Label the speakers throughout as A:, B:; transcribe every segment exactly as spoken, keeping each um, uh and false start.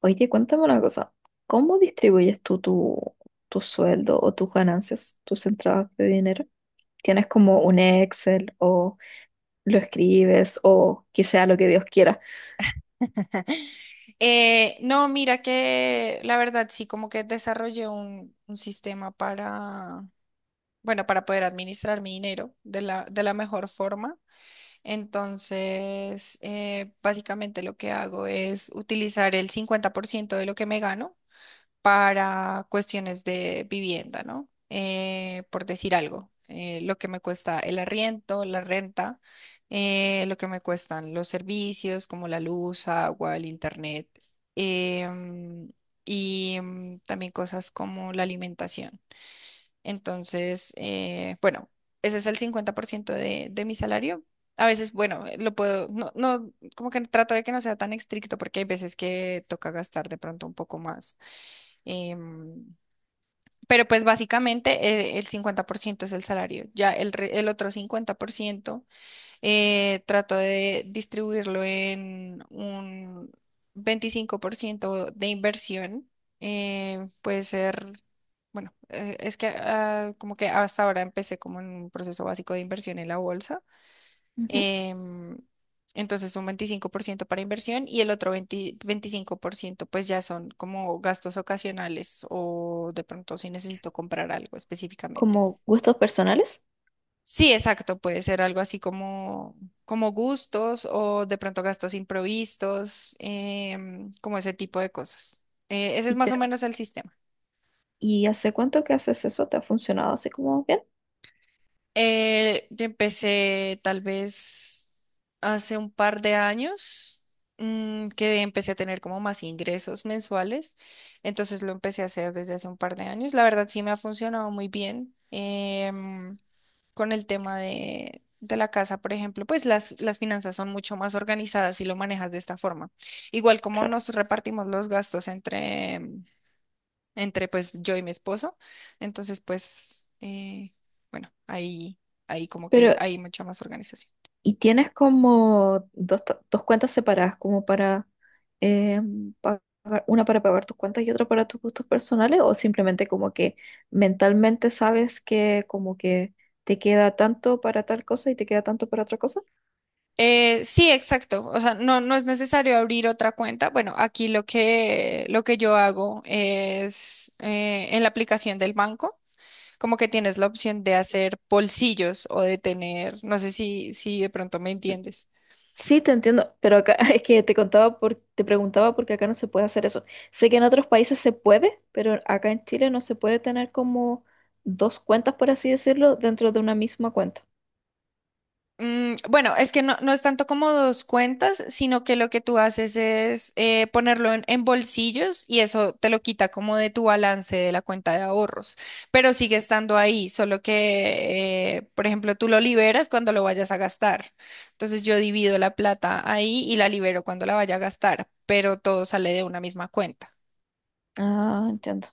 A: Oye, cuéntame una cosa. ¿Cómo distribuyes tú tu, tu sueldo o tus ganancias, tus entradas de dinero? ¿Tienes como un Excel o lo escribes o que sea lo que Dios quiera?
B: Eh, no, mira que la verdad sí, como que desarrollé un, un sistema para, bueno, para poder administrar mi dinero de la, de la mejor forma. Entonces, eh, básicamente lo que hago es utilizar el cincuenta por ciento de lo que me gano para cuestiones de vivienda, ¿no? Eh, por decir algo, eh, lo que me cuesta el arriendo, la renta, eh, lo que me cuestan los servicios como la luz, agua, el internet, em, y em, también cosas como la alimentación. Entonces, eh, bueno, ese es el cincuenta por ciento de, de mi salario. A veces, bueno, eh, lo puedo, no, no, como que trato de que no sea tan estricto porque hay veces que toca gastar de pronto un poco más. Em, pero pues básicamente eh, el cincuenta por ciento es el salario. Ya el, re- el otro cincuenta por ciento eh, trato de distribuirlo en un veinticinco por ciento de inversión. Eh, puede ser, bueno, eh, es que ah, como que hasta ahora empecé como en un proceso básico de inversión en la bolsa.
A: Ujú.
B: Em, entonces un veinticinco por ciento para inversión y el otro veinte veinticinco por ciento pues ya son como gastos ocasionales o de pronto si necesito comprar algo específicamente.
A: Como gustos personales.
B: Sí, exacto, puede ser algo así como, como gustos o de pronto gastos imprevistos, em, como ese tipo de cosas. Eh, ese es
A: ¿Y,
B: más o
A: te,
B: menos el sistema.
A: y hace cuánto que haces eso? ¿Te ha funcionado así como bien?
B: Eh, yo empecé tal vez hace un par de años, mm, que empecé a tener como más ingresos mensuales, entonces lo empecé a hacer desde hace un par de años. La verdad sí me ha funcionado muy bien, em, con el tema de, de la casa, por ejemplo, pues las, las finanzas son mucho más organizadas si lo manejas de esta forma. Igual como
A: Claro.
B: nos repartimos los gastos entre, entre pues yo y mi esposo. Entonces, pues, eh, bueno, ahí, ahí como que
A: Pero
B: hay mucha más organización.
A: y tienes como dos, ta- dos cuentas separadas, como para eh, pagar, una para pagar tus cuentas y otra para tus gustos personales, o simplemente como que mentalmente sabes que como que te queda tanto para tal cosa y te queda tanto para otra cosa.
B: Eh, sí, exacto. O sea, no, no es necesario abrir otra cuenta. Bueno, aquí lo que, lo que yo hago es eh, en la aplicación del banco, como que tienes la opción de hacer bolsillos o de tener, no sé si, si de pronto me entiendes.
A: Sí, te entiendo, pero acá es que te contaba por, te preguntaba porque acá no se puede hacer eso. Sé que en otros países se puede, pero acá en Chile no se puede tener como dos cuentas, por así decirlo, dentro de una misma cuenta.
B: Mm, bueno, es que no, no es tanto como dos cuentas, sino que lo que tú haces es eh, ponerlo en, en bolsillos y eso te lo quita como de tu balance de la cuenta de ahorros, pero sigue estando ahí, solo que, eh, por ejemplo, tú lo liberas cuando lo vayas a gastar. Entonces yo divido la plata ahí y la libero cuando la vaya a gastar, pero todo sale de una misma cuenta.
A: Ah, entiendo.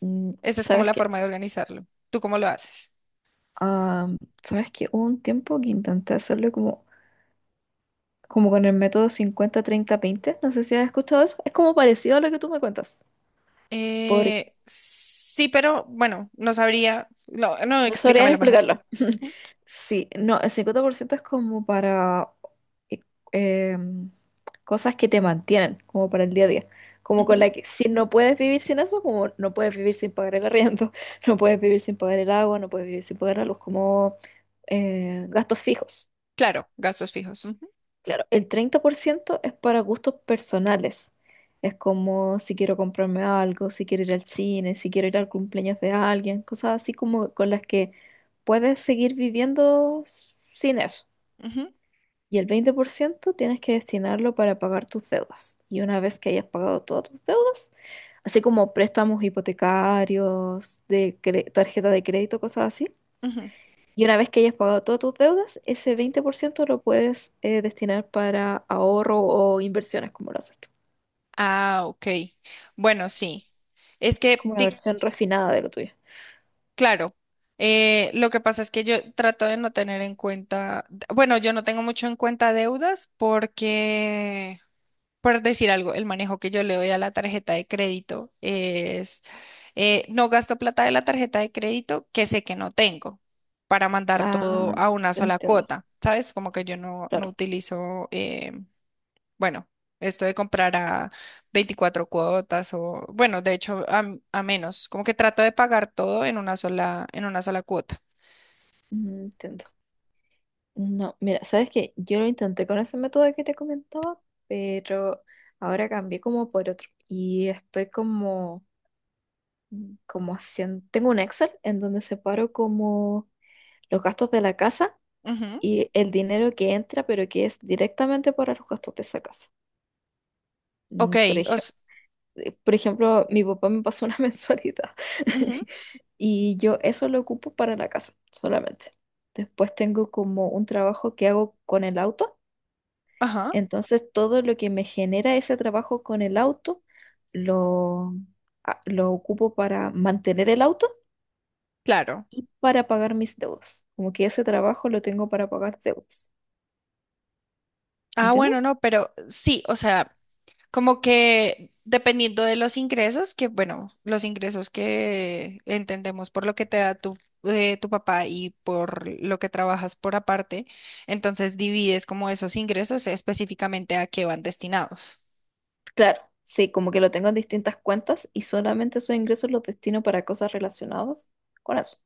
A: Mm,
B: Esa es como
A: ¿sabes
B: la
A: qué?
B: forma de organizarlo. ¿Tú cómo lo haces?
A: Ah, ¿sabes que hubo un tiempo que intenté hacerlo como, como con el método cincuenta treinta veinte? No sé si has escuchado eso. Es como parecido a lo que tú me cuentas. Por...
B: Eh, sí, pero bueno, no sabría. No, no,
A: No sabría
B: explícamelo mejor.
A: explicarlo. Sí, no, el cincuenta por ciento es como para eh, em, cosas que te mantienen, como para el día a día. Como con
B: Ujú.
A: la que si no puedes vivir sin eso, como no puedes vivir sin pagar el arriendo, no puedes vivir sin pagar el agua, no puedes vivir sin pagar la luz, como eh, gastos fijos.
B: Claro, gastos fijos. Ujú,
A: Claro, el treinta por ciento es para gustos personales. Es como si quiero comprarme algo, si quiero ir al cine, si quiero ir al cumpleaños de alguien, cosas así como con las que puedes seguir viviendo s- sin eso.
B: ujú,
A: Y el veinte por ciento tienes que destinarlo para pagar tus deudas. Y una vez que hayas pagado todas tus deudas, así como préstamos hipotecarios, de cre- tarjeta de crédito, cosas así,
B: ujú.
A: y una vez que hayas pagado todas tus deudas, ese veinte por ciento lo puedes eh, destinar para ahorro o inversiones, como lo haces tú.
B: Ah, ok. Bueno,
A: Es
B: sí. Es que,
A: como una
B: di-
A: versión refinada de lo tuyo.
B: claro, eh, lo que pasa es que yo trato de no tener en cuenta, d- bueno, yo no tengo mucho en cuenta deudas porque, por decir algo, el manejo que yo le doy a la tarjeta de crédito es, eh, no gasto plata de la tarjeta de crédito que sé que no tengo para mandar todo
A: Ah,
B: a una
A: te
B: sola
A: entiendo,
B: cuota, ¿sabes? Como que yo no, no
A: claro.
B: utilizo... eh, bueno, esto de comprar a veinticuatro cuotas o, bueno, de hecho, a, m- a menos. Como que trato de pagar todo en una sola, en una sola cuota.
A: Mm, entiendo. No, mira, sabes que yo lo intenté con ese método que te comentaba, pero ahora cambié como por otro. Y estoy como, como haciendo, tengo un Excel en donde separo como los gastos de la casa
B: Ujú.
A: y el dinero que entra, pero que es directamente para los gastos de esa casa.
B: Ok,
A: Mm, por ejemplo,
B: os,
A: por ejemplo, mi papá me pasó una mensualidad
B: ujú,
A: y yo eso lo ocupo para la casa solamente. Después tengo como un trabajo que hago con el auto,
B: ajá,
A: entonces todo lo que me genera ese trabajo con el auto lo, a- lo ocupo para mantener el auto
B: claro.
A: y para pagar mis deudas. Como que ese trabajo lo tengo para pagar deudas.
B: Ah, bueno,
A: ¿Entiendes?
B: no, pero sí, o sea, como que dependiendo de los ingresos, que bueno, los ingresos que entendemos por lo que te da tu, eh, tu papá y por lo que trabajas por aparte, entonces divides como esos ingresos específicamente a qué van destinados.
A: Claro, sí, como que lo tengo en distintas cuentas y solamente esos ingresos los destino para cosas relacionadas con eso.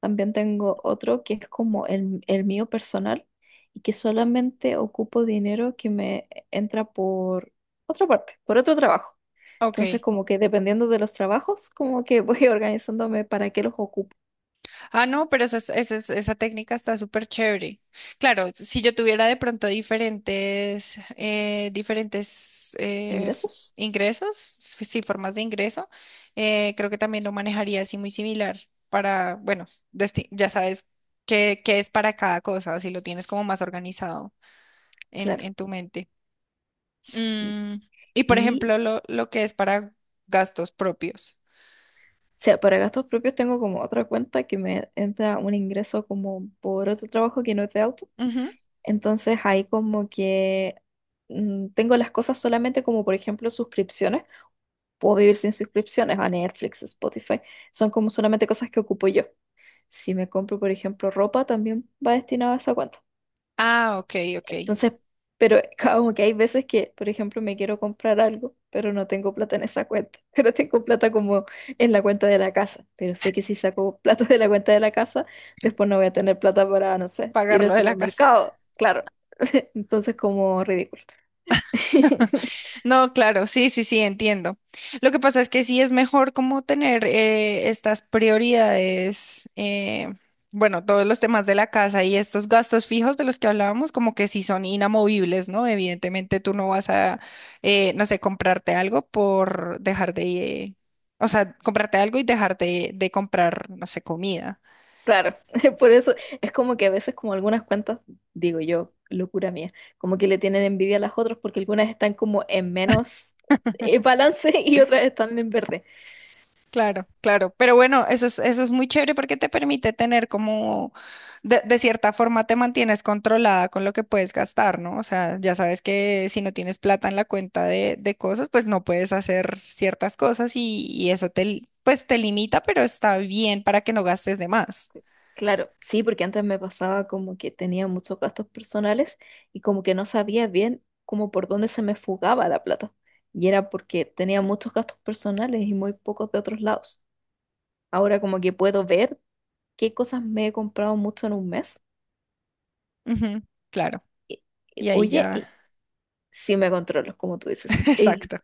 A: También tengo otro que es como el, el mío personal y que solamente ocupo dinero que me entra por otra parte, por otro trabajo.
B: Ok.
A: Entonces, como que dependiendo de los trabajos, como que voy organizándome para qué los ocupo.
B: Ah, no, pero esa, es- esa, es- esa técnica está súper chévere. Claro, si yo tuviera de pronto diferentes, eh, diferentes eh, f-
A: Ingresos,
B: ingresos, s- sí, formas de ingreso, eh, creo que también lo manejaría así muy similar para, bueno, desti- ya sabes qué, qué es para cada cosa, si lo tienes como más organizado en,
A: claro.
B: en tu mente.
A: Y,
B: Mm, y por
A: y,
B: ejemplo,
A: o
B: lo, lo que es para gastos propios.
A: sea, para gastos propios tengo como otra cuenta que me entra un ingreso como por otro trabajo que no es de autos.
B: Ujú.
A: Entonces ahí como que mm, tengo las cosas solamente como por ejemplo suscripciones. Puedo vivir sin suscripciones a Netflix, Spotify. Son como solamente cosas que ocupo yo. Si me compro por ejemplo ropa, también va destinada a esa cuenta.
B: Ah, ok, ok.
A: Entonces, pero como que hay veces que, por ejemplo, me quiero comprar algo, pero no tengo plata en esa cuenta, pero tengo plata como en la cuenta de la casa, pero sé que si saco plata de la cuenta de la casa, después no voy a tener plata para, no sé, ir
B: Pagar
A: al
B: lo de la casa.
A: supermercado, claro. Entonces, como ridículo.
B: No, claro, sí, sí, sí, entiendo. Lo que pasa es que sí es mejor como tener eh, estas prioridades, eh, bueno, todos los temas de la casa y estos gastos fijos de los que hablábamos, como que sí son inamovibles, ¿no? Evidentemente tú no vas a, eh, no sé, comprarte algo por dejar de, eh, o sea, comprarte algo y dejar de, de comprar, no sé, comida.
A: Claro, por eso es como que a veces como algunas cuentas, digo yo, locura mía, como que le tienen envidia a las otras porque algunas están como en menos eh, balance y otras están en verde.
B: Claro, claro, pero bueno, eso es, eso es muy chévere porque te permite tener como, de, de cierta forma te mantienes controlada con lo que puedes gastar, ¿no? O sea, ya sabes que si no tienes plata en la cuenta de, de cosas, pues no puedes hacer ciertas cosas y, y eso te, li- pues te limita, pero está bien para que no gastes de más.
A: Claro, sí, porque antes me pasaba como que tenía muchos gastos personales y como que no sabía bien como por dónde se me fugaba la plata. Y era porque tenía muchos gastos personales y muy pocos de otros lados. Ahora como que puedo ver qué cosas me he comprado mucho en un mes.
B: Ujú, claro,
A: Y- y,
B: y ahí
A: oye, y
B: ya,
A: sí me controlo, como tú dices. Y
B: exacto.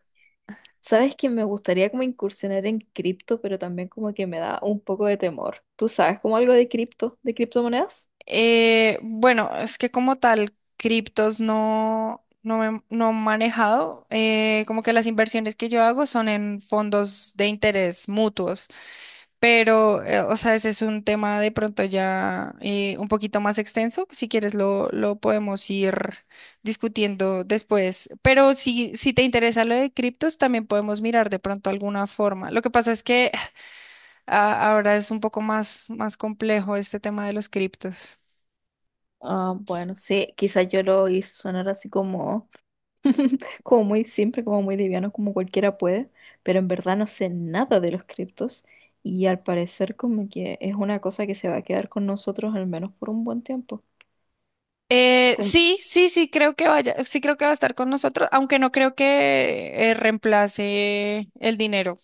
A: sabes que me gustaría como incursionar en cripto, pero también como que me da un poco de temor. ¿Tú sabes como algo de cripto, de criptomonedas?
B: Eh, bueno, es que como tal, criptos no, no, me- no he manejado. Eh, como que las inversiones que yo hago son en fondos de interés mutuos, pero, eh, o sea, ese es un tema de pronto ya eh, un poquito más extenso. Si quieres, lo, lo podemos ir discutiendo después. Pero si, si te interesa lo de criptos, también podemos mirar de pronto alguna forma. Lo que pasa es que ah, ahora es un poco más, más complejo este tema de los criptos.
A: Ah, bueno, sí, quizás yo lo hice sonar así como, como muy simple, como muy liviano, como cualquiera puede, pero en verdad no sé nada de los criptos y al parecer como que es una cosa que se va a quedar con nosotros al menos por un buen tiempo.
B: Eh,
A: Com-
B: sí, sí, sí creo que vaya, sí creo que va a estar con nosotros, aunque no creo que eh, reemplace el dinero,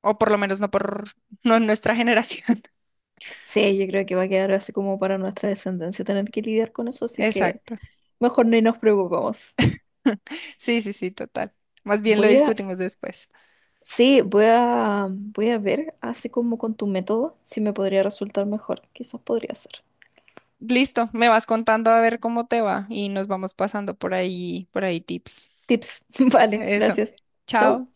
B: o por lo menos no por no en nuestra generación.
A: sí, yo creo que va a quedar así como para nuestra descendencia tener que lidiar con eso, así que
B: Exacto.
A: mejor ni nos preocupamos.
B: Sí, sí, sí, total. Más bien lo
A: Voy a,
B: discutimos después.
A: sí, voy a, voy a ver así como con tu método si me podría resultar mejor, quizás podría ser.
B: Listo, me vas contando a ver cómo te va y nos vamos pasando por ahí, por ahí tips.
A: Tips, vale,
B: Eso.
A: gracias. Chau.
B: Chao.